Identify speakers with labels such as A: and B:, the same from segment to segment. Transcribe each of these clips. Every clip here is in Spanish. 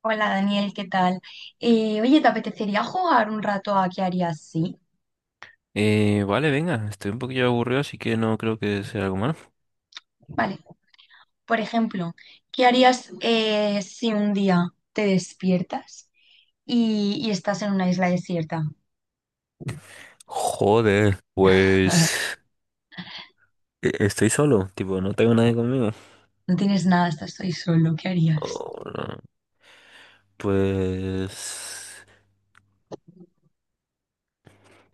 A: Hola Daniel, ¿qué tal? Oye, ¿te apetecería jugar un rato a qué harías sí?
B: Vale, venga, estoy un poquillo aburrido, así que no creo que sea algo malo.
A: Vale, por ejemplo, ¿qué harías si un día te despiertas y estás en una isla desierta?
B: Joder, pues estoy solo, tipo, no tengo nadie conmigo.
A: No tienes nada, estás ahí solo, ¿qué harías?
B: Oh, no. Pues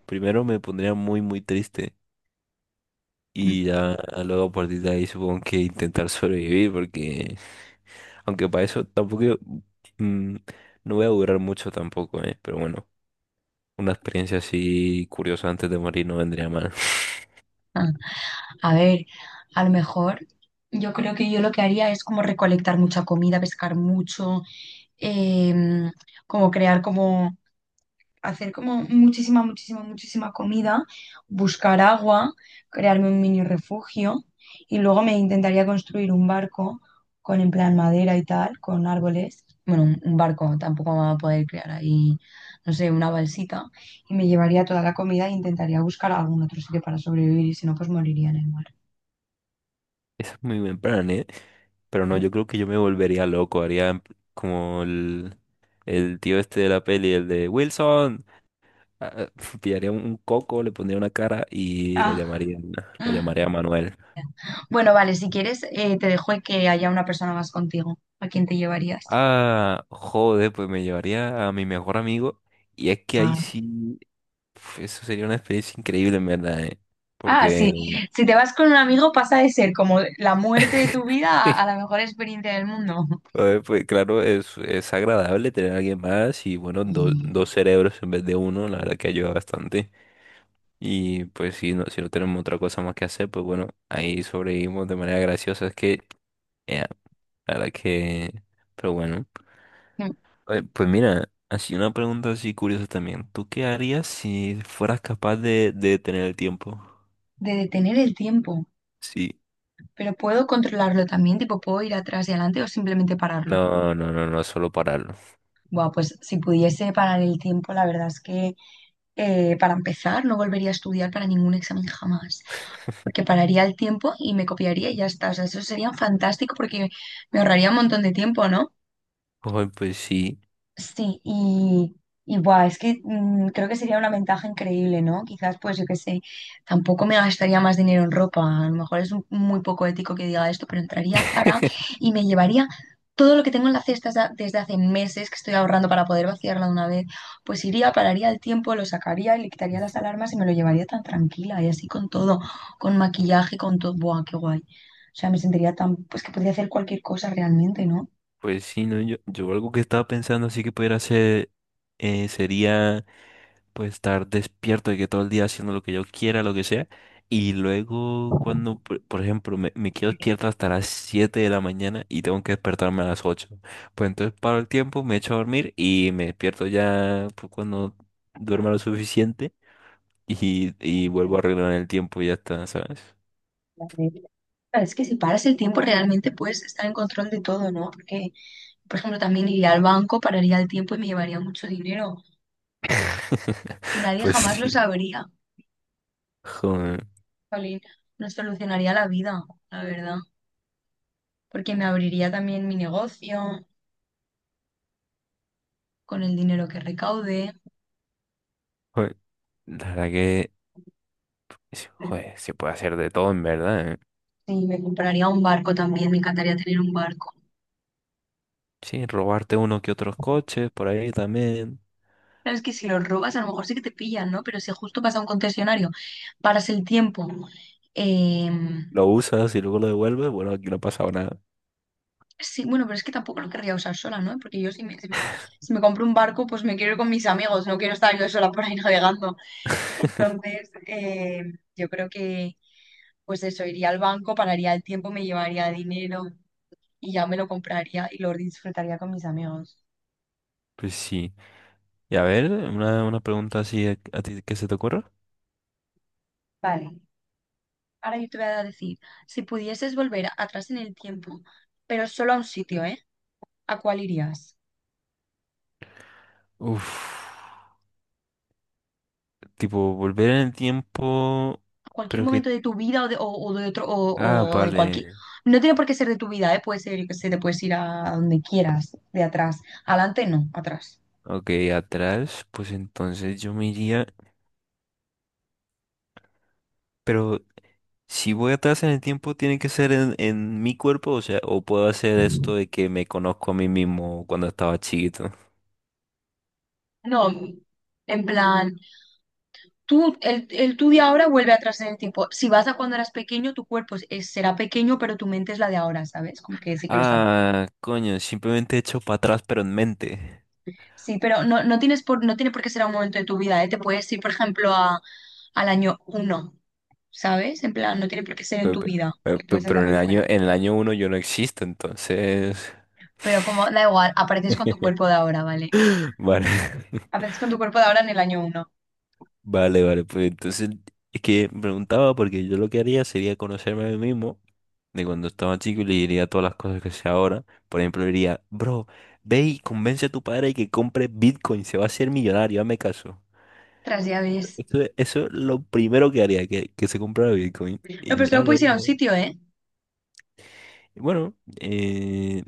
B: primero me pondría muy, muy triste
A: Mm.
B: y ya luego a partir de ahí supongo que intentar sobrevivir, porque aunque para eso tampoco yo- mm, no voy a durar mucho tampoco, pero bueno, una experiencia así curiosa antes de morir no vendría mal.
A: Ah, a ver, a lo mejor yo creo que yo lo que haría es como recolectar mucha comida, pescar mucho, em, como crear como hacer como muchísima, muchísima, muchísima comida, buscar agua, crearme un mini refugio y luego me intentaría construir un barco con en plan madera y tal, con árboles. Bueno, un barco, tampoco me va a poder crear ahí, no sé, una balsita. Y me llevaría toda la comida e intentaría buscar algún otro sitio para sobrevivir y si no, pues moriría en el mar.
B: Eso es muy buen plan, ¿eh? Pero no, yo creo que yo me volvería loco, como el tío este de la peli, el de Wilson. Ah, Pillaría un coco, le pondría una cara y
A: Ah.
B: lo llamaría Manuel.
A: Bueno, vale, si quieres, te dejo que haya una persona más contigo. ¿A quién te llevarías?
B: Ah, joder, pues me llevaría a mi mejor amigo. Y es que ahí sí, uf, eso sería una experiencia increíble, en verdad, ¿eh?
A: Ah, sí.
B: Porque
A: Si te vas con un amigo pasa de ser como la muerte de tu vida a la mejor experiencia del mundo.
B: joder, pues claro, es agradable tener a alguien más y bueno,
A: Mm.
B: dos cerebros en vez de uno, la verdad que ayuda bastante. Y pues si no, si no tenemos otra cosa más que hacer, pues bueno, ahí sobrevivimos de manera graciosa. Es que, eh, la verdad que, pero bueno. Pues mira, así una pregunta así curiosa también. ¿Tú qué harías si fueras capaz de detener el tiempo?
A: De detener el tiempo.
B: Sí.
A: Pero puedo controlarlo también, tipo, puedo ir atrás y adelante o simplemente pararlo.
B: No, no, solo pararlo.
A: Buah, pues si pudiese parar el tiempo, la verdad es que para empezar no volvería a estudiar para ningún examen jamás, porque pararía el tiempo y me copiaría y ya está. O sea, eso sería fantástico porque me ahorraría un montón de tiempo, ¿no?
B: Ay, pues sí.
A: Sí, y buah, es que mm, creo que sería una ventaja increíble, ¿no? Quizás, pues yo qué sé, tampoco me gastaría más dinero en ropa. A lo mejor es muy poco ético que diga esto, pero entraría a Zara y me llevaría todo lo que tengo en la cesta desde hace meses que estoy ahorrando para poder vaciarla de una vez. Pues iría, pararía el tiempo, lo sacaría y le quitaría las alarmas y me lo llevaría tan tranquila y así con todo, con maquillaje, con todo. Buah, qué guay. O sea, me sentiría tan, pues que podría hacer cualquier cosa realmente, ¿no?
B: Pues sí, no, yo algo que estaba pensando así que pudiera hacer sería puede estar despierto de que todo el día haciendo lo que yo quiera, lo que sea. Y luego cuando, por ejemplo, me quedo despierto hasta las 7 de la mañana y tengo que despertarme a las 8. Pues entonces paro el tiempo, me echo a dormir y me despierto ya pues, cuando duerma lo suficiente y vuelvo a arreglar el tiempo y ya está, ¿sabes?
A: La regla. Claro, es que si paras el tiempo realmente puedes estar en control de todo, ¿no? Porque, por ejemplo, también iría al banco, pararía el tiempo y me llevaría mucho dinero. Y nadie
B: Pues
A: jamás lo
B: sí.
A: sabría.
B: Joder,
A: Jolín, nos solucionaría la vida, la verdad. Porque me abriría también mi negocio con el dinero que recaude.
B: joder. La verdad que, sí, joder, se puede hacer de todo en verdad, ¿eh?
A: Sí, me compraría un barco también, me encantaría tener un barco.
B: Sí, robarte uno que otros coches por ahí también.
A: Claro, es que si lo robas, a lo mejor sí que te pillan, ¿no? Pero si justo vas a un concesionario, paras el tiempo, em.
B: Lo usas y luego lo devuelves, bueno, aquí no ha pasado nada.
A: Sí, bueno, pero es que tampoco lo querría usar sola, ¿no? Porque yo si me compro un barco, pues me quiero ir con mis amigos, no quiero estar yo sola por ahí navegando. Entonces, yo creo que, pues eso, iría al banco, pararía el tiempo, me llevaría dinero y ya me lo compraría y lo disfrutaría con mis amigos.
B: Pues sí. Y a ver, una pregunta así a ti que se te ocurra.
A: Vale, ahora yo te voy a decir, si pudieses volver atrás en el tiempo, pero solo a un sitio, ¿eh? ¿A cuál irías?
B: Uf, tipo, volver en el tiempo,
A: Cualquier
B: pero que...
A: momento de tu vida o de otro,
B: Ah,
A: o de cualquier.
B: vale.
A: No tiene por qué ser de tu vida, ¿eh? Puede ser, yo qué sé, te puedes ir a donde quieras, de atrás. Adelante, no, atrás.
B: Ok, atrás, pues entonces yo me iría... Pero si voy atrás en el tiempo, ¿tiene que ser en mi cuerpo? O sea, ¿o puedo hacer esto de que me conozco a mí mismo cuando estaba chiquito?
A: No, en plan, tú, el tú de ahora vuelve atrás en el tiempo. Si vas a cuando eras pequeño, tu cuerpo será pequeño, pero tu mente es la de ahora, ¿sabes? Como que sí que lo sabes.
B: Ah, coño, simplemente he hecho para atrás, pero en mente.
A: Sí, pero no, no tienes por, no tiene por qué ser a un momento de tu vida, ¿eh? Te puedes ir, por ejemplo, a, al año uno, ¿sabes? En plan, no tiene por qué ser en
B: Pe-
A: tu
B: pe-
A: vida, puede ser
B: Pero
A: también fuera.
B: en el año uno yo no existo, entonces.
A: Pero como, da igual, apareces con tu cuerpo de ahora, ¿vale?
B: Vale,
A: Apareces con tu cuerpo de ahora en el año uno.
B: vale, vale. Pues entonces es que me preguntaba porque yo lo que haría sería conocerme a mí mismo de cuando estaba chico y le diría todas las cosas que sé ahora. Por ejemplo, le diría, bro, ve y convence a tu padre que compre Bitcoin, se va a hacer millonario, hazme caso.
A: Tras ya ves.
B: Eso es lo primero que haría, que se comprara Bitcoin.
A: No, pero
B: Y
A: solo
B: ya
A: puedes ir a un
B: luego.
A: sitio, ¿eh?
B: Bueno, eh,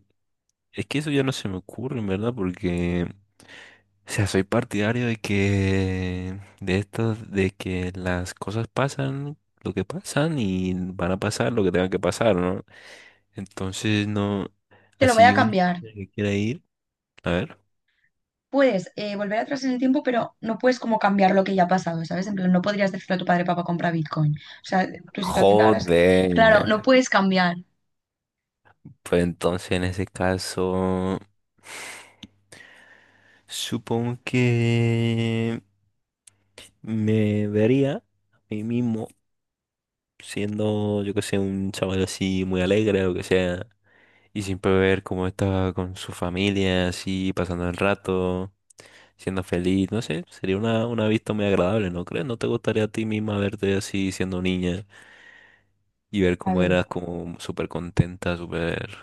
B: es que eso ya no se me ocurre, en verdad, porque. O sea, soy partidario de que de esto, de que las cosas pasan lo que pasan y van a pasar lo que tengan que pasar, ¿no? Entonces no,
A: Te lo voy a
B: así un
A: cambiar.
B: que quiera ir, a ver.
A: Puedes volver atrás en el tiempo, pero no puedes como cambiar lo que ya ha pasado, ¿sabes? En plan, no podrías decirle a tu padre, papá, compra Bitcoin. O sea, tu situación de ahora es... Claro,
B: Joder.
A: no puedes cambiar.
B: Pues entonces en ese caso, supongo que me vería a mí mismo siendo, yo que sé, un chaval así muy alegre o que sea. Y siempre ver cómo estaba con su familia, así, pasando el rato, siendo feliz, no sé, sería una vista muy agradable, ¿no crees? ¿No te gustaría a ti misma verte así siendo niña y ver
A: A
B: cómo
A: ver.
B: eras como súper contenta, súper...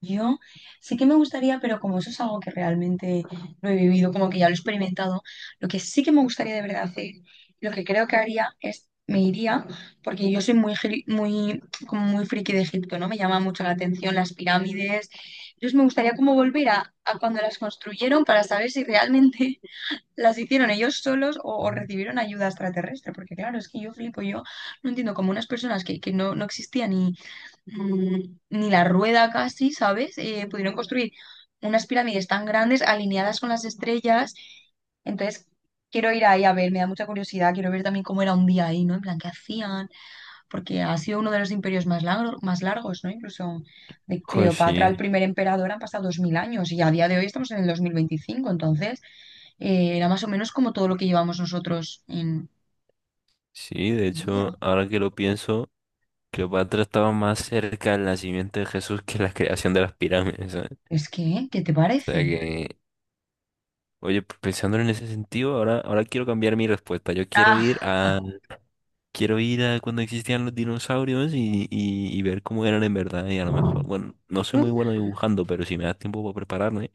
A: Yo sí que me gustaría, pero como eso es algo que realmente no he vivido, como que ya lo he experimentado, lo que sí que me gustaría de verdad hacer, lo que creo que haría es, me iría, porque yo soy muy, muy, como muy friki de Egipto, ¿no? Me llama mucho la atención las pirámides. Entonces me gustaría como volver a cuando las construyeron para saber si realmente las hicieron ellos solos o recibieron ayuda extraterrestre, porque claro, es que yo flipo, yo no entiendo cómo unas personas que no, no existían y mm, ni la rueda casi, ¿sabes? Pudieron construir unas pirámides tan grandes alineadas con las estrellas. Entonces, quiero ir ahí a ver, me da mucha curiosidad, quiero ver también cómo era un día ahí, ¿no? En plan, ¿qué hacían? Porque ha sido uno de los imperios más largos, ¿no? Incluso de
B: Joder,
A: Cleopatra, el
B: sí,
A: primer emperador, han pasado 2000 años y a día de hoy estamos en el 2025, entonces era más o menos como todo lo que llevamos nosotros en...
B: sí, de hecho,
A: vida.
B: ahora que lo pienso, Cleopatra estaba más cerca del nacimiento de Jesús que la creación de las pirámides, ¿sabes?
A: Es que, ¿qué te
B: O sea
A: parece?
B: que, oye, pues, pensándolo en ese sentido, ahora quiero cambiar mi respuesta. Yo quiero
A: Ah,
B: ir a quiero ir a cuando existían los dinosaurios y ver cómo eran en verdad. Y a lo mejor, bueno, no soy muy bueno dibujando, pero si me das tiempo para prepararme,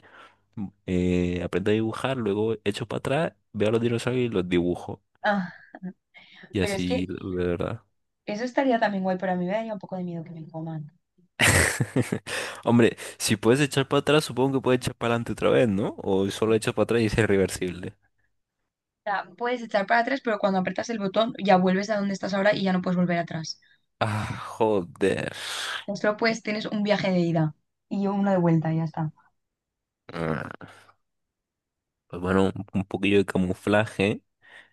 B: aprendo a dibujar, luego echo para atrás, veo a los dinosaurios y los dibujo.
A: ah,
B: Y
A: pero es
B: así,
A: que
B: de verdad.
A: eso estaría también guay, pero a mí me daría un poco de miedo que me coman. O
B: Hombre, si puedes echar para atrás, supongo que puedes echar para adelante otra vez, ¿no? O solo echas para atrás y es irreversible.
A: sea, puedes echar para atrás, pero cuando aprietas el botón ya vuelves a donde estás ahora y ya no puedes volver atrás.
B: Ah, joder.
A: Solo pues tienes un viaje de ida y uno de vuelta y ya está.
B: Ah, pues bueno, un poquillo de camuflaje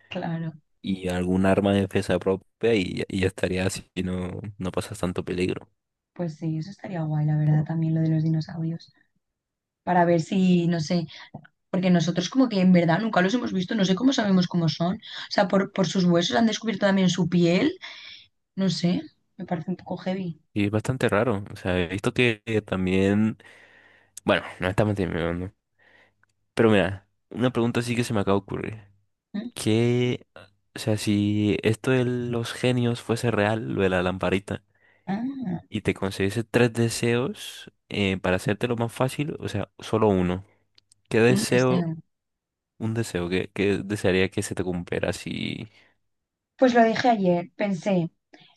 A: Claro,
B: y algún arma de defensa propia y ya estaría así y no, no pasas tanto peligro.
A: pues sí, eso estaría guay, la verdad, también lo de los dinosaurios. Para ver si, no sé, porque nosotros como que en verdad nunca los hemos visto, no sé cómo sabemos cómo son. O sea, por sus huesos han descubierto también su piel, no sé, me parece un poco heavy.
B: Y es bastante raro. O sea, he visto que también. Bueno, no estamos terminando. Pero mira, una pregunta sí que se me acaba de ocurrir.
A: ¿Mm?
B: ¿Qué? O sea, si esto de los genios fuese real, lo de la lamparita,
A: Ah,
B: y te concediese tres deseos para hacértelo más fácil, o sea, solo uno. ¿Qué
A: un
B: deseo,
A: deseo.
B: un deseo, qué desearía que se te cumpliera si.
A: Pues lo dije ayer, pensé.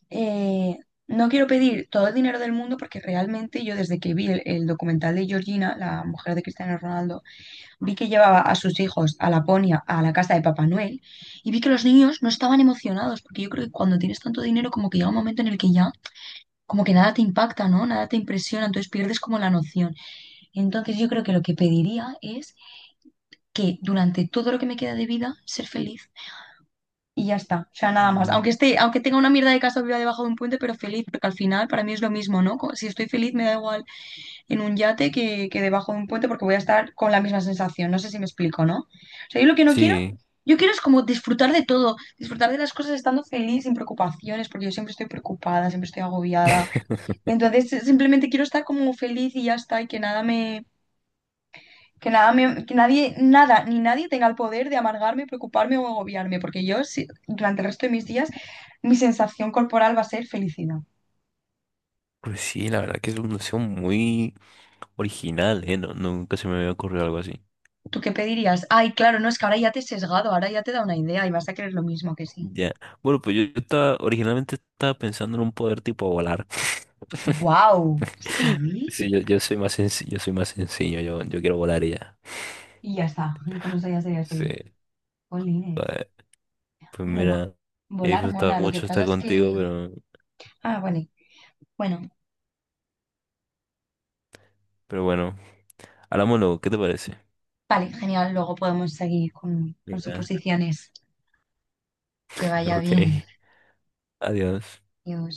A: eh, no quiero pedir todo el dinero del mundo porque realmente yo desde que vi el documental de Georgina, la mujer de Cristiano Ronaldo, vi que llevaba a sus hijos a Laponia, a la casa de Papá Noel, y vi que los niños no estaban emocionados, porque yo creo que cuando tienes tanto dinero como que llega un momento en el que ya como que nada te impacta, ¿no? Nada te impresiona, entonces pierdes como la noción. Entonces yo creo que lo que pediría es que durante todo lo que me queda de vida, ser feliz y ya está, o sea, nada más.
B: Ujú.
A: Aunque esté, aunque tenga una mierda de casa viva debajo de un puente, pero feliz, porque al final para mí es lo mismo, ¿no? Co- Si estoy feliz me da igual en un yate que debajo de un puente porque voy a estar con la misma sensación, no sé si me explico, ¿no? O sea, yo lo que no quiero,
B: Sí.
A: yo quiero es como disfrutar de todo, disfrutar de las cosas estando feliz, sin preocupaciones, porque yo siempre estoy preocupada, siempre estoy agobiada. Entonces, simplemente quiero estar como feliz y ya está, y que nada me... Que nada me- que nadie, nada, ni nadie tenga el poder de amargarme, preocuparme o agobiarme, porque yo, durante el resto de mis días, mi sensación corporal va a ser felicidad.
B: Pues sí, la verdad que es un museo muy original, ¿eh? No, nunca se me había ocurrido algo así.
A: ¿Tú qué pedirías? Ay, claro, no, es que ahora ya te he sesgado, ahora ya te da una idea y vas a creer lo mismo que sí.
B: Ya. Bueno, pues yo estaba, originalmente estaba pensando en un poder tipo volar.
A: ¡Wow! Sí.
B: Sí, yo soy más sencillo, yo quiero volar y ya.
A: Y ya está, y con eso ya serías feliz.
B: Sí.
A: Jolines.
B: Pues, pues
A: Hombre,
B: mira, he
A: volar
B: disfrutado
A: mola, lo que
B: mucho
A: pasa
B: estar
A: es que...
B: contigo,
A: Ah, bueno, bueno,
B: pero bueno, hablamos luego, ¿qué te parece?
A: vale, genial, luego podemos seguir con
B: Venga.
A: suposiciones. Que vaya bien.
B: Ok, adiós.
A: Adiós.